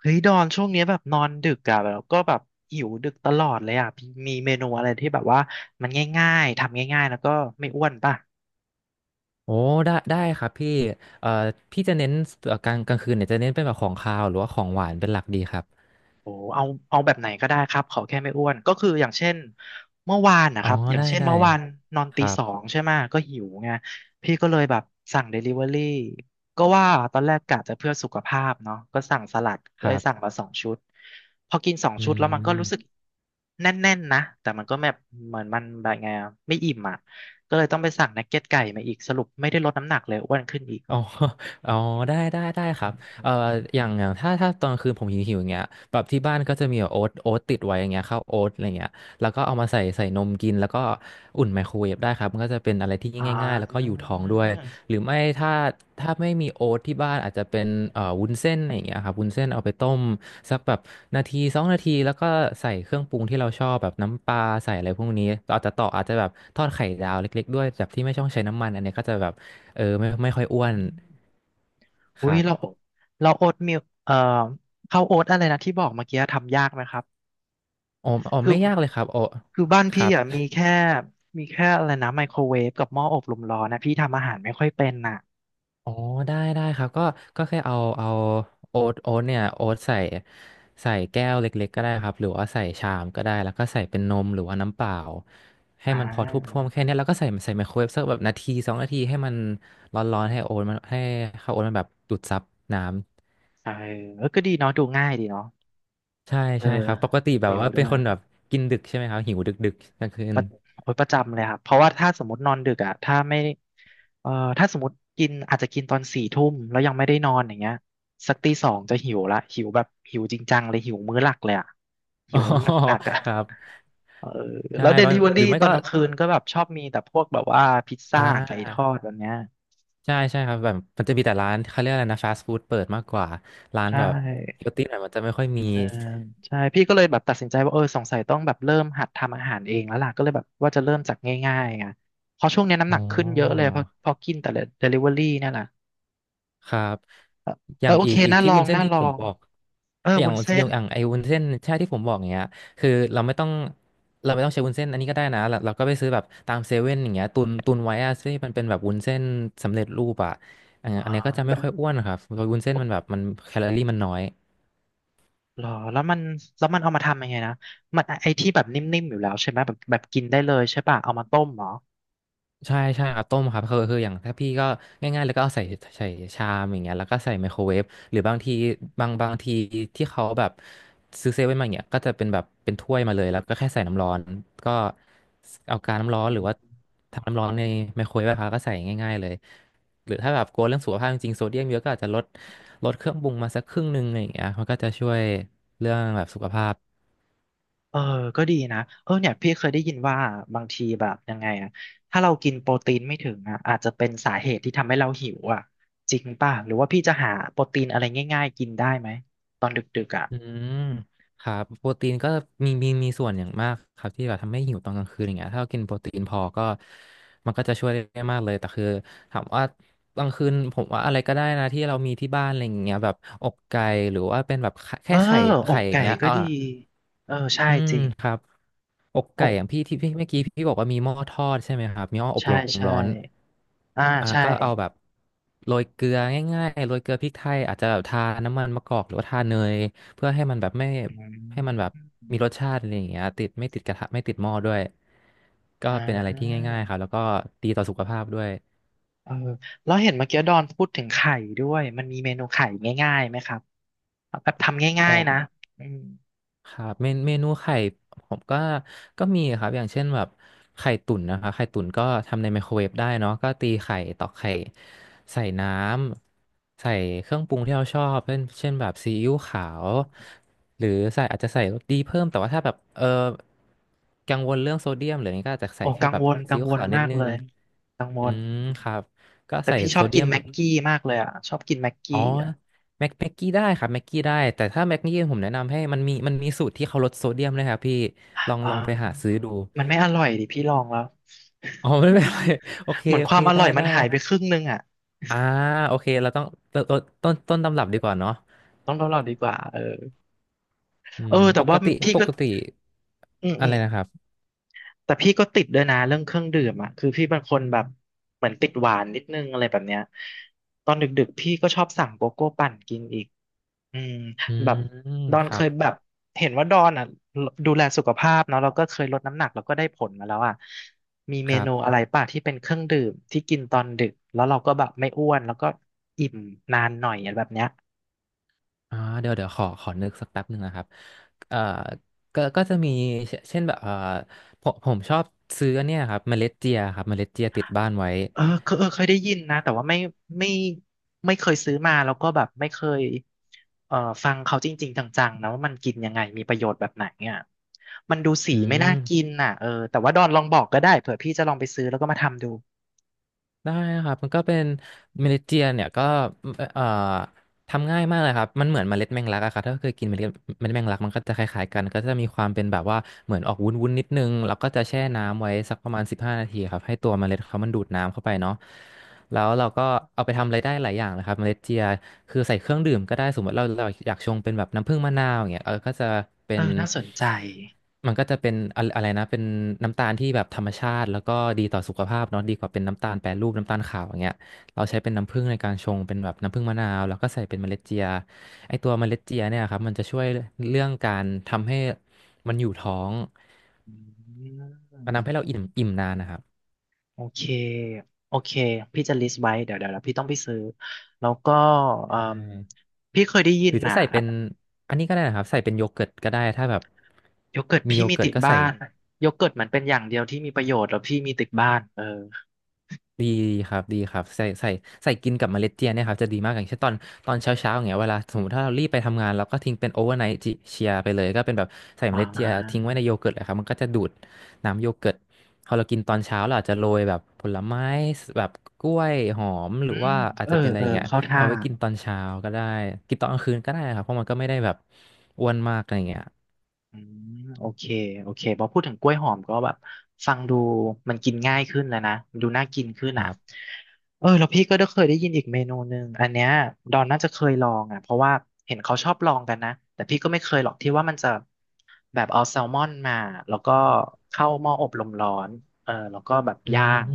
เฮ้ยดอนช่วงเนี้ยแบบนอนดึกอะแล้วก็แบบหิวดึกตลอดเลยอะพี่มีเมนูอะไรที่แบบว่ามันง่ายๆทำง่ายๆแล้วก็ไม่อ้วนป่ะ โอ้ได้ได้ครับพี่เอ่อพี่จะเน้นกลางคืนเนี่ยจะเน้นเป็นแบบของคาวหรือว่าของหวานเป็นหลักดีครับโอ้เอาแบบไหนก็ได้ครับ ขอแค่ไม่อ้วน ก็คืออย่างเช่นเมื่อวานนะอ๋อครับ อย่างได้เช่นได้เมื่อวานนอนคตีรัสอบงใช่ไหม ก็หิวไง พี่ก็เลยแบบสั่งเดลิเวอรี่ก็ว่าตอนแรกกะจะเพื่อสุขภาพเนาะก็สั่งสลัดคก็เลรัยสั่งบมาสองชุด พอกินสองอืชุดแล้วมันก็ม รู้ สึกแน่นๆนะ แต่มันก็แบบเหมือนมันแบบไงอะไม่อิ่มอ่ะ ก็เลยต้องไปสั่งนักเก็ตไก่มาอีกสรุปไม่ได้ลดน้ำหนักเลยอ้วนขึ้นอีกอ๋อ อ๋อได้ได้ได้ครับเอ่ออย่างถ้าตอนกลางคืนผมหิวอย่างเงี้ยแบบที่บ้านก็จะมีแบบโอ๊ตติดไว้อย่างเงี้ยข้าวโอ๊ตอะไรเงี้ยแล้วก็เอามาใส่นมกินแล้วก็อุ่นไมโครเวฟได้ครับมันก็จะเป็นอะไรที่อ่ง่ายๆแล้วก็อยู่ท้องด้วย า หรือไม่ถ้าไม่มีโอ๊ตที่บ้านอาจจะเป็นวุ้นเส้นอะไรอย่างเงี้ยครับวุ้นเส้นเอาไปต้มสักแบบนาทีสองนาทีแล้วก็ใส่เครื่องปรุงที่เราชอบแบบน้ำปลาใส่อะไรพวกนี้อาจจะต่ออาจจะแบบทอดไข่ดาวเล็กๆด้วยแบบที่ไม่ต้องใช้น้ำมันอันเนี้ยก็จะแบบเออไม่ค่อยอ้วนคอุ้ยรัเราบเราโอ๊ตมิลข้าวโอ๊ตอะไรนะที่บอกเมื่อกี้ทำยากไหมครับ อ๋อคือไม่ยากเลยครับอ๋อคือบ้านคพี่รับ อ่ะมีแค่อะไรนะไมโครเวฟกับหม้ออบลมร้อนนะพี่ทำอาหารไม่ค่อยเป็นน่ะอ๋อได้ได้ครับก็แค่เอาโอ๊ตเนี่ยโอ๊ตใส่แก้วเล็กๆก็ได้ครับหรือว่าใส่ชามก็ได้แล้วก็ใส่เป็นนมหรือว่าน้ำเปล่าให้อ่ามันพอท่วมๆแค่เนี้ยแล้วก็ใส่ไมโครเวฟสักแบบนาทีสองนาทีให้มันร้อนๆให้โอ๊ตมันให้ข้าวโอ๊ตมันแบบดูดซับน้ำใช่เออก็ดีเนาะดูง่ายดีเนาะใช่เออใช่ครับปกติแบเร็บวว่าด้เป็นวยคนแบบกินดึกใช่ไหมครับหิวดึกๆกลางคืน ประโอ๊ยประจำเลยครับเพราะว่าถ้าสมมตินอนดึกอ่ะถ้าไม่เอ่อถ้าสมมติกินอาจจะกินตอนสี่ทุ่มแล้วยังไม่ได้นอนอย่างเงี้ยสักตีสองจะหิวละหิวแบบหิวจริงจังเลยหิวมื้อหลักเลยอ่ะ หิอ๋อวหนักๆอ่ะ ครับเออใช่แล้วเดบาลิงเวอหรี่รือไม่ตอนก็กลางคืนก็แบบชอบมีแต่พวกแบบว่าพิซอซ่าไก่่า ทอดแบบเนี้ยใช่ใช่ครับแบบมันจะมีแต่ร้านเขาเรียกอะไรนะฟาสต์ฟู้ดเปิดมากกว่าร้านใชแบบเฮ่ลตี้หน่อยมันจะไม่ค่อยมีเออใช่พี่ก็เลยแบบตัดสินใจว่าเออสงสัยต้องแบบเริ่มหัดทำอาหารเองแล้วล่ะก็เลยแบบว่าจะเริ่มจากง่ายๆไงเพราะช่วงเนี้ยน้ำอ๋หอนักขึ้นเยอะเลยเพราะกินแต่เดลิเวอรี่เนี่ยแหละครับเอออเอย่าองโออีเคกน่าที่ลอวุ้งนเส้นน่าที่ลอผมงบอกเอออย่างวุ้นเส้นอย่างไอ้วุ้นเส้นใช่ที่ผมบอกเนี้ยคือเราไม่ต้องเราไม่ต้องใช้วุ้นเส้นอันนี้ก็ได้นะเราก็ไปซื้อแบบตามเซเว่นอย่างเงี้ยตุนไว้อะซึ่งมันเป็นแบบวุ้นเส้นสำเร็จรูปอะอันอ่าเนี้ยก็จะไม่แบบค่อยอ้วนครับเพราะวุ้นเส้นมันแบบโอมันแคลอรี่มันน้อย หรอแล้วมันเอามาทำยังไงนะมันไอที่แบบนิ่มๆอยู่แล้วใช่ไหมแบบแบบกินได้เลยใช่ป่ะเอามาต้มเหรอ ใช่ใช่เอาต้มครับคืออย่างถ้าพี่ก็ง่ายๆแล้วก็เอาใส่ใส่ชามอย่างเงี้ยแล้วก็ใส่ไมโครเวฟหรือบางทีบางทีที่เขาแบบซื้อเซเว่นมาอย่างเงี้ยก็จะเป็นแบบเป็นถ้วยมาเลยแล้วก็แค่ใส่น้ำร้อนก็เอากาน้ำร้อนหรือว่าทำน้ำร้อนในไมโครเวฟอะครับก็ใส่ง่ายๆเลยหรือถ้าแบบกลัวเรื่องสุขภาพจริงๆโซเดียมเยอะก็อาจจะลดเครื่องปรุงมาสักครึ่งหนึงอะไรอย่างเงี้ยมันก็จะช่วยเรื่องแบบสุขภาพ เออก็ดีนะเออเนี่ยพี่เคยได้ยินว่าบางทีแบบยังไงอะถ้าเรากินโปรตีนไม่ถึงอะอาจจะเป็นสาเหตุที่ทำให้เราหิวอะจริงป่ะหรือว่าพี่จะหาโปรตีนอะไรง่ายๆกินได้ไหมตอนดึกๆอะอืมครับโปรตีนก็มีมีส่วนอย่างมากครับที่แบบทำให้หิวตอนกลางคืนอย่างเงี้ยถ้าเรากินโปรตีนพอก็มันก็จะช่วยได้มากเลยแต่คือถามว่ากลางคืนผมว่าอะไรก็ได้นะที่เรามีที่บ้านอะไรอย่างเงี้ยแบบอกไก่หรือว่าเป็นแบบไข่เอแค่ไข่ออไข่กอย่างไก่เงี้ยก็อ่าดีเออใช่อืมจริงครับ อกไก่อกอย่างพี่ที่พี่เมื่อกี้พี่บอกว่ามีหม้อทอดใช่ไหมครับมีหม้ออบใช่ลมใช่ร้อนอ่าอ่าใช่ก็เอาแบบโรยเกลือง่ายๆโรยเกลือพริกไทยอาจจะแบบทาน้ำมันมะกอกหรือว่าทาเนยเพื่อให้มันแบบไม่อืให้มันแบบมมีรสชาติอะไรอย่างเงี้ยติดไม่ติดกระทะไม่ติดหม้อด้วยก็อ่เป็นอะไรที่าง่ายๆครับแล้วก็ดีต่อสุขภาพด้วยเออแล้วเห็นเมื่อกี้ดอนพูดถึงไข่ด้วยมันมีเมนูไข่ง่ายๆไหมครับแบบทำอ๋ง่าอ ยๆนะอืม ครับเมนเมนูไข่ผมก็มีครับอย่างเช่นแบบไข่ตุ๋นนะครับไข่ตุ๋นก็ทำในไมโครเวฟได้เนาะก็ตีไข่ตอกไข่ใส่น้ำใส่เครื่องปรุงที่เราชอบเช่นแบบซีอิ๊วขาวหรือใส่อาจจะใส่รสดีเพิ่มแต่ว่าถ้าแบบเออกังวลเรื่องโซเดียมหรืออะไรเงี้ยก็อาจจะใส่โอ้แค่กังแบบวลกัซีอิ๊งววลขาวนิดมากนึเลงยกังวอืลมครับก็แต่ใส่พี่ชโซอบเดีกิยนม แม็กกี้มากเลยอ่ะชอบกินแม็กอ๋อกี้อ่ะแม็กกี้ได้ครับแม็กกี้ได้แต่ถ้าแม็กกี้ผมแนะนำให้มันมีมันมีสูตรที่เขาลดโซเดียมนะครับพี่ลองอไปหา่าซื้อดูมันไม่อร่อยดิพี่ลองแล้ว อ๋อ ไม่เป็นไรโอเค เหมือนโอคเความอได้ร่อยมัได้นหายไปครึ่งนึงอ่ะอ่าโอเคเราต้องต้นต้นตำรับดีกว่าเนาะต้องลองดีกว่าเอออืเอมอปแต่กว่าติพี่ปก็กติอืมอะอืไรมนะครับแต่พี่ก็ติดด้วยนะเรื่องเครื่องดื่มอ่ะคือพี่เป็นคนแบบเหมือนติดหวานนิดนึงอะไรแบบเนี้ยตอนดึกๆพี่ก็ชอบสั่งโกโก้ปั่นกินอีก อืมอืแบมบดอนคเครับยแบบเห็นว่าดอนอ่ะดูแลสุขภาพเนาะแล้วก็เคยลดน้ำหนักแล้วก็ได้ผลมาแล้วอ่ะมีคเมรันูบอะไรป่ะที่เป็นเครื่องดื่มที่กินตอนดึกแล้วเราก็แบบไม่อ้วนแล้วก็อิ่มนานหน่อยอะไรแบบเนี้ยอ่าเดี๋ยวขอนึกสักแป๊บหนึ่งนะครับเอ่อก็จะมีเช่นแบบผมชอบซื้อเนี่ยครับเมล็ดเจียครับเมล็ดเจียติดบ้านไว้เออเคยได้ยินนะแต่ว่าไม่ไม่เคยซื้อมาแล้วก็แบบไม่เคยเอ่อฟังเขาจริงๆจังๆนะว่ามันกินยังไงมีประโยชน์แบบไหนเนี่ยมันดูสีอืไม่น่ากินม น่ะเออแต่ว่าดอนลองบอกก็ได้เผื่อพี่จะลองไปซื้อแล้วก็มาทำดู ได้ครับมันก็เป็นเมเนเจียนเนี่ยก็เอ่อ ทำง่ายมากเลยครับมันเหมือนเมล็ดแมงลักอะครับถ้าเคยกินเมล็ดแมงลักมันก็จะคล้ายๆกันก็จะมีความเป็นแบบว่าเหมือนออกวุ้นๆนิดนึงแล้วก็จะแช่น้ำไว้สักประมาณสิบห้านาทีครับให้ตัวเมล็ดเขามันดูดน้ำเข้าไปเนาะแล้วเราก็เอาไปทำอะไรได้หลายอย่างเลยครับเมล็ดเจียคือใส่เครื่องดื่มก็ได้สมมติเราอยากชงเป็นแบบน้ำผึ้งมะนาวอย่างเงี้ยเออก็จะเป็เอนอน่าสนใจมันก็จะเป็นอะไรอะไรนะเป็นน้ำตาลที่แบบธรรมชาติแล้วก็ดีต่อสุขภาพเนาะดีกว่าเป็นน้ำตาลแปรรูปน้ำตาลขาวอย่างเงี้ย เราใช้เป็นน้ำผึ้งในการชงเป็นแบบน้ำผึ้งมะนาวแล้วก็ใส่เป็นเมล็ดเจียไอตัวเมล็ดเจียเนี่ยครับมันจะช่วยเรื่องการทำให้มันอยู่ท้องอืมันทำให้เรามอิ่มอิ่มนานนะครับโอเคโอเค พี่จะ list ไว้ เดี๋ยวแล้วพี่ต้องไปซื้อ แล้วก็เอ่ใช่มพี่เคยได้ยิหนรือจะน่ะใส่เป็นอันนี้ก็ได้นะครับใส่เป็นโยเกิร์ตก็ได้ถ้าแบบโยเกิร์ตมีพี่โยมีเกิร์ตติดก็บ้าใส่ นโยเกิร์ตมันเป็นอย่างเดียวที่มีประโยชน์แล้วพี่มีติดบ้านเออดีครับดีครับใส่กินกับเมล็ดเจียเนี่ยครับจะดีมากอย่างเช่นตอนเช้าเช้าอย่างเงี้ยเวลาสมมติถ้าเรารีบไปทำงานเราก็ทิ้งเป็นโอเวอร์ไนท์เชียไปเลยก็เป็นแบบใส่เมอ่ล็ดเจียทิ้งาไว้ในโยเกิร์ตเลยครับมันก็จะดูดน้ำโยเกิร์ตพอเรากินตอนเช้าเราอาจจะโรยแบบผลไม้แบบกล้วยหอมหรือือมว่าอาจเออจะเป็นอะไรเอออย่างเงี้ยเข้าท่า เอาไว้กินตอนเช้าก็ได้กินตอนกลางคืนก็ได้ครับเพราะมันก็ไม่ได้แบบอ้วนมากอะไรอย่างเงี้ยอืมโอเคโอเคพอพูดถึงกล้วยหอมก็แบบฟังดูมันกินง่ายขึ้นแล้วนะมันดูน่ากินขึ้คนรัอ่ะบ เออแล้วพี่ก็ได้เคยได้ยินอีกเมนูหนึ่งอันเนี้ยดอนน่าจะเคยลองอ่ะเพราะว่าเห็นเขาชอบลองกันนะแต่พี่ก็ไม่เคยหรอกที่ว่ามันจะแบบเอาแซลมอนมาแล้วก็เข้าหม้ออบลมร้อนเออแล้วก็แบบอืย่ามง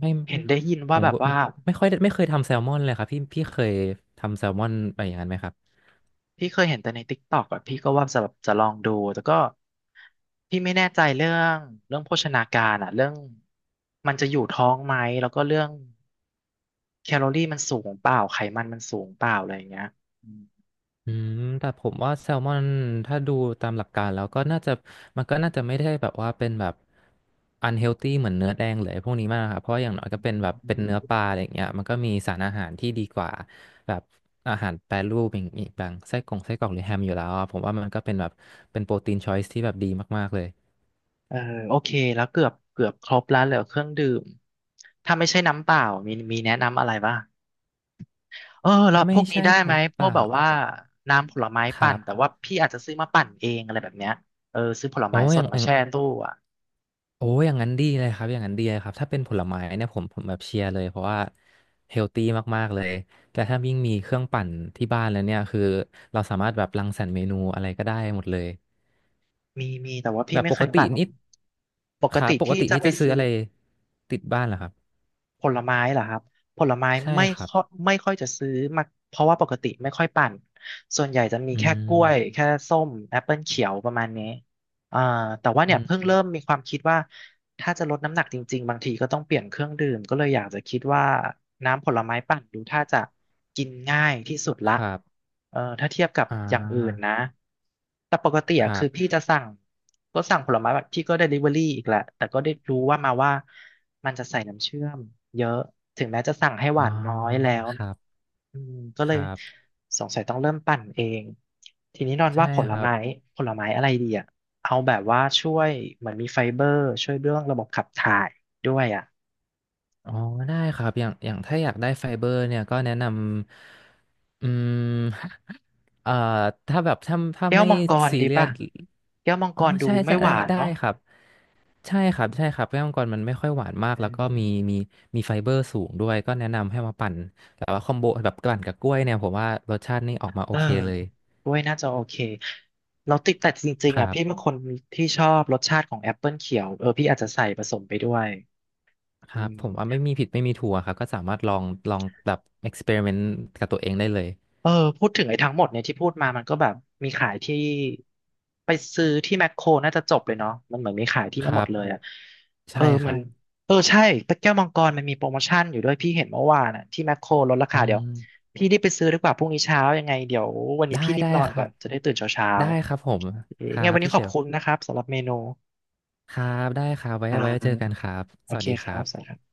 ไม่เห็นได้ยินผว่ามแบบว่าว่า ไม่ค่อยได้ไม่เคยทำแซลมอนเลยครับพี่เคยทำแซลมอนไปอย่างนั้นไหมครับพี่เคยเห็นแต่ในTikTok อ่ะพี่ก็ว่าจะแบบจะลองดูแต่ก็พี่ไม่แน่ใจเรื่องโภชนาการอ่ะเรื่องมันจะอยู่ท้องไหมแล้วก็เรื่องแคลอรี่มันสูงเปล่าไขมันสูงเปล่าอะไรอย่างเงี้ยอืมอืมแต่ผมว่าแซลมอนถ้าดูตามหลักการแล้วก็น่าจะมันก็น่าจะไม่ได้แบบว่าเป็นแบบอันเฮลตี้เหมือนเนื้อแดงเลยพวกนี้มากครับเพราะอย่างน้อยอืก็เป็นมแบบเป็นเนื้อปลาอะไรอย่างเงี้ยมันก็มีสารอาหารที่ดีกว่าแบบอาหารแปรรูปอย่างอีกบางไส้กรองไส้กรอกหรือแฮมอยู่แล้วอะผมว่ามันก็เป็นแบบเป็นโปรตีนชอยส์ที่แบบดีมากๆเลยเออโอเคแล้วเกือบครบแล้วเหลือเครื่องดื่มถ้าไม่ใช่น้ำเปล่ามีแนะนำอะไรบ้างเออแล้วถ้าพไม่วกนี้ใช่ได้ไหมน้ำพเปวกล่าแบบว่าน้ำผลไม้คปั่รันแต่บว่าพี่อาจจะซื้อมาปั่นเองอะไรแบบเนี้ยเออซื้อผลโอ้ไม้สอดย่าง มาแช่ตู้ โอ้ยอย่างนั้นดีเลยครับอย่างนั้นดีเลยครับถ้าเป็นผลไม้เนี่ยผมแบบเชียร์เลยเพราะว่าเฮลตี้มากๆเลยแต่ถ้ายิ่งมีเครื่องปั่นที่บ้านแล้วเนี่ยคือเราสามารถแบบรังสรรค์เมนูอะไรก็ได้หมดเลยมีแต่ว่าแบพี่บไม่ปเคกยติปั่นนี่ปกค่ะติปกที่ติจะนี่ไปจะซื้อซื้อะอไรติดบ้านเหรอครับผลไม้เหรอครับผลไม้ใช่ไม่ครับค่อยไม่ค่อยจะซื้อมาเพราะว่าปกติไม่ค่อยปั่นส่วนใหญ่จะมีอืแค่กล้วยมแค่ส้มแอปเปิลเขียวประมาณนี้ อ่าแต่ว่าเนี่อืยเพิ่งมเริ่มมีความคิดว่าถ้าจะลดน้ำหนักจริงๆบางทีก็ต้องเปลี่ยนเครื่องดื่มก็เลยอยากจะคิดว่าน้ำผลไม้ปั่นดูถ้าจะกินง่ายที่สุดละครับเออถ้าเทียบกับอ่อย่างอื่นานะแต่ปกติคอะรัคืบอพี่จะสั่งก็สั่งผลไม้แบบพี่ก็ Delivery อีกแหละแต่ก็ได้รู้ว่ามาว่ามันจะใส่น้ำเชื่อมเยอะถึงแม้จะสั่งให้หอ่าวานน้อยแล้ว ครับอืมก็คเลยรับสงสัยต้องเริ่มปั่นเองทีนี้นอนใช่ว่าผลครับไม้ผลไม้อะไรดีอ่ะเอาแบบว่าช่วยเหมือนมีไฟเบอร์ช่วยเรื่องระบบขับถ่ายด้วยอ่ะอ๋อได้ครับอย่างอย่างถ้าอยากได้ไฟเบอร์เนี่ยก็แนะนำ อืม เอ่อ ถ้าแบบถ้าแก้วไม่มังกรซีดีเรียป่ะสแก้วมังอ๋กอ รดูใช่ไม่ใช่หได้วานได้เนาะครับ ใช่ครับใช่ครับแก้วมังกรมันไม่ค่อยหวานมากเอแล้วก็อมีมีมีไฟเบอร์สูงด้วยก็แนะนำให้มาปั่นแต่ว่าคอมโบแบบปั่นกับกล้วยเนี่ยผมว่ารสชาตินี่ออกมาโอเออเคเลยกล้วยน่าจะโอเคเราติดแต่จริคงๆรัอ่ะพี่เป็นบคนที่ชอบรสชาติของแอปเปิลเขียวเออพี่อาจจะใส่ผสมไปด้วยคอืรับผมว่าไม่ม มีผิดไม่มีถูกอะครับก็สามารถลองแบบเอ็กซ์เพร์เมนต์กับตัวเองได้เลยเออพูดถึงไอ้ทั้งหมดเนี่ยที่พูดมามันก็แบบมีขายที่ไปซื้อที่แมคโครน่าจะจบเลยเนาะมันเหมือนมีขายที่คเนี่ยหมรัดเลยบอ่ะเอใช่อคมัรันบเออใช่ตะแก้วมังกรมันมีโปรโมชั่นอยู่ด้วยพี่เห็นเมื่อวานอ่ะที่แมคโครลดราอืคาเดี๋ยวมพี่รีบไปซื้อดีกว่าพรุ่งนี้เช้ายังไงเดี๋ยววันนี้ได้พี่รีบได้นอนครัก่อนบจะได้ตื่นเช้าเช้าได้ครับผมครัไงบวันนี้พี่ขเชอบล คุณนะครับสำหรับเมนูครับ ได้ครับ ไว้ อ่ไว้ เจอกันาครับ โอสวัสเคดีคครัรับสวัสดีบครับ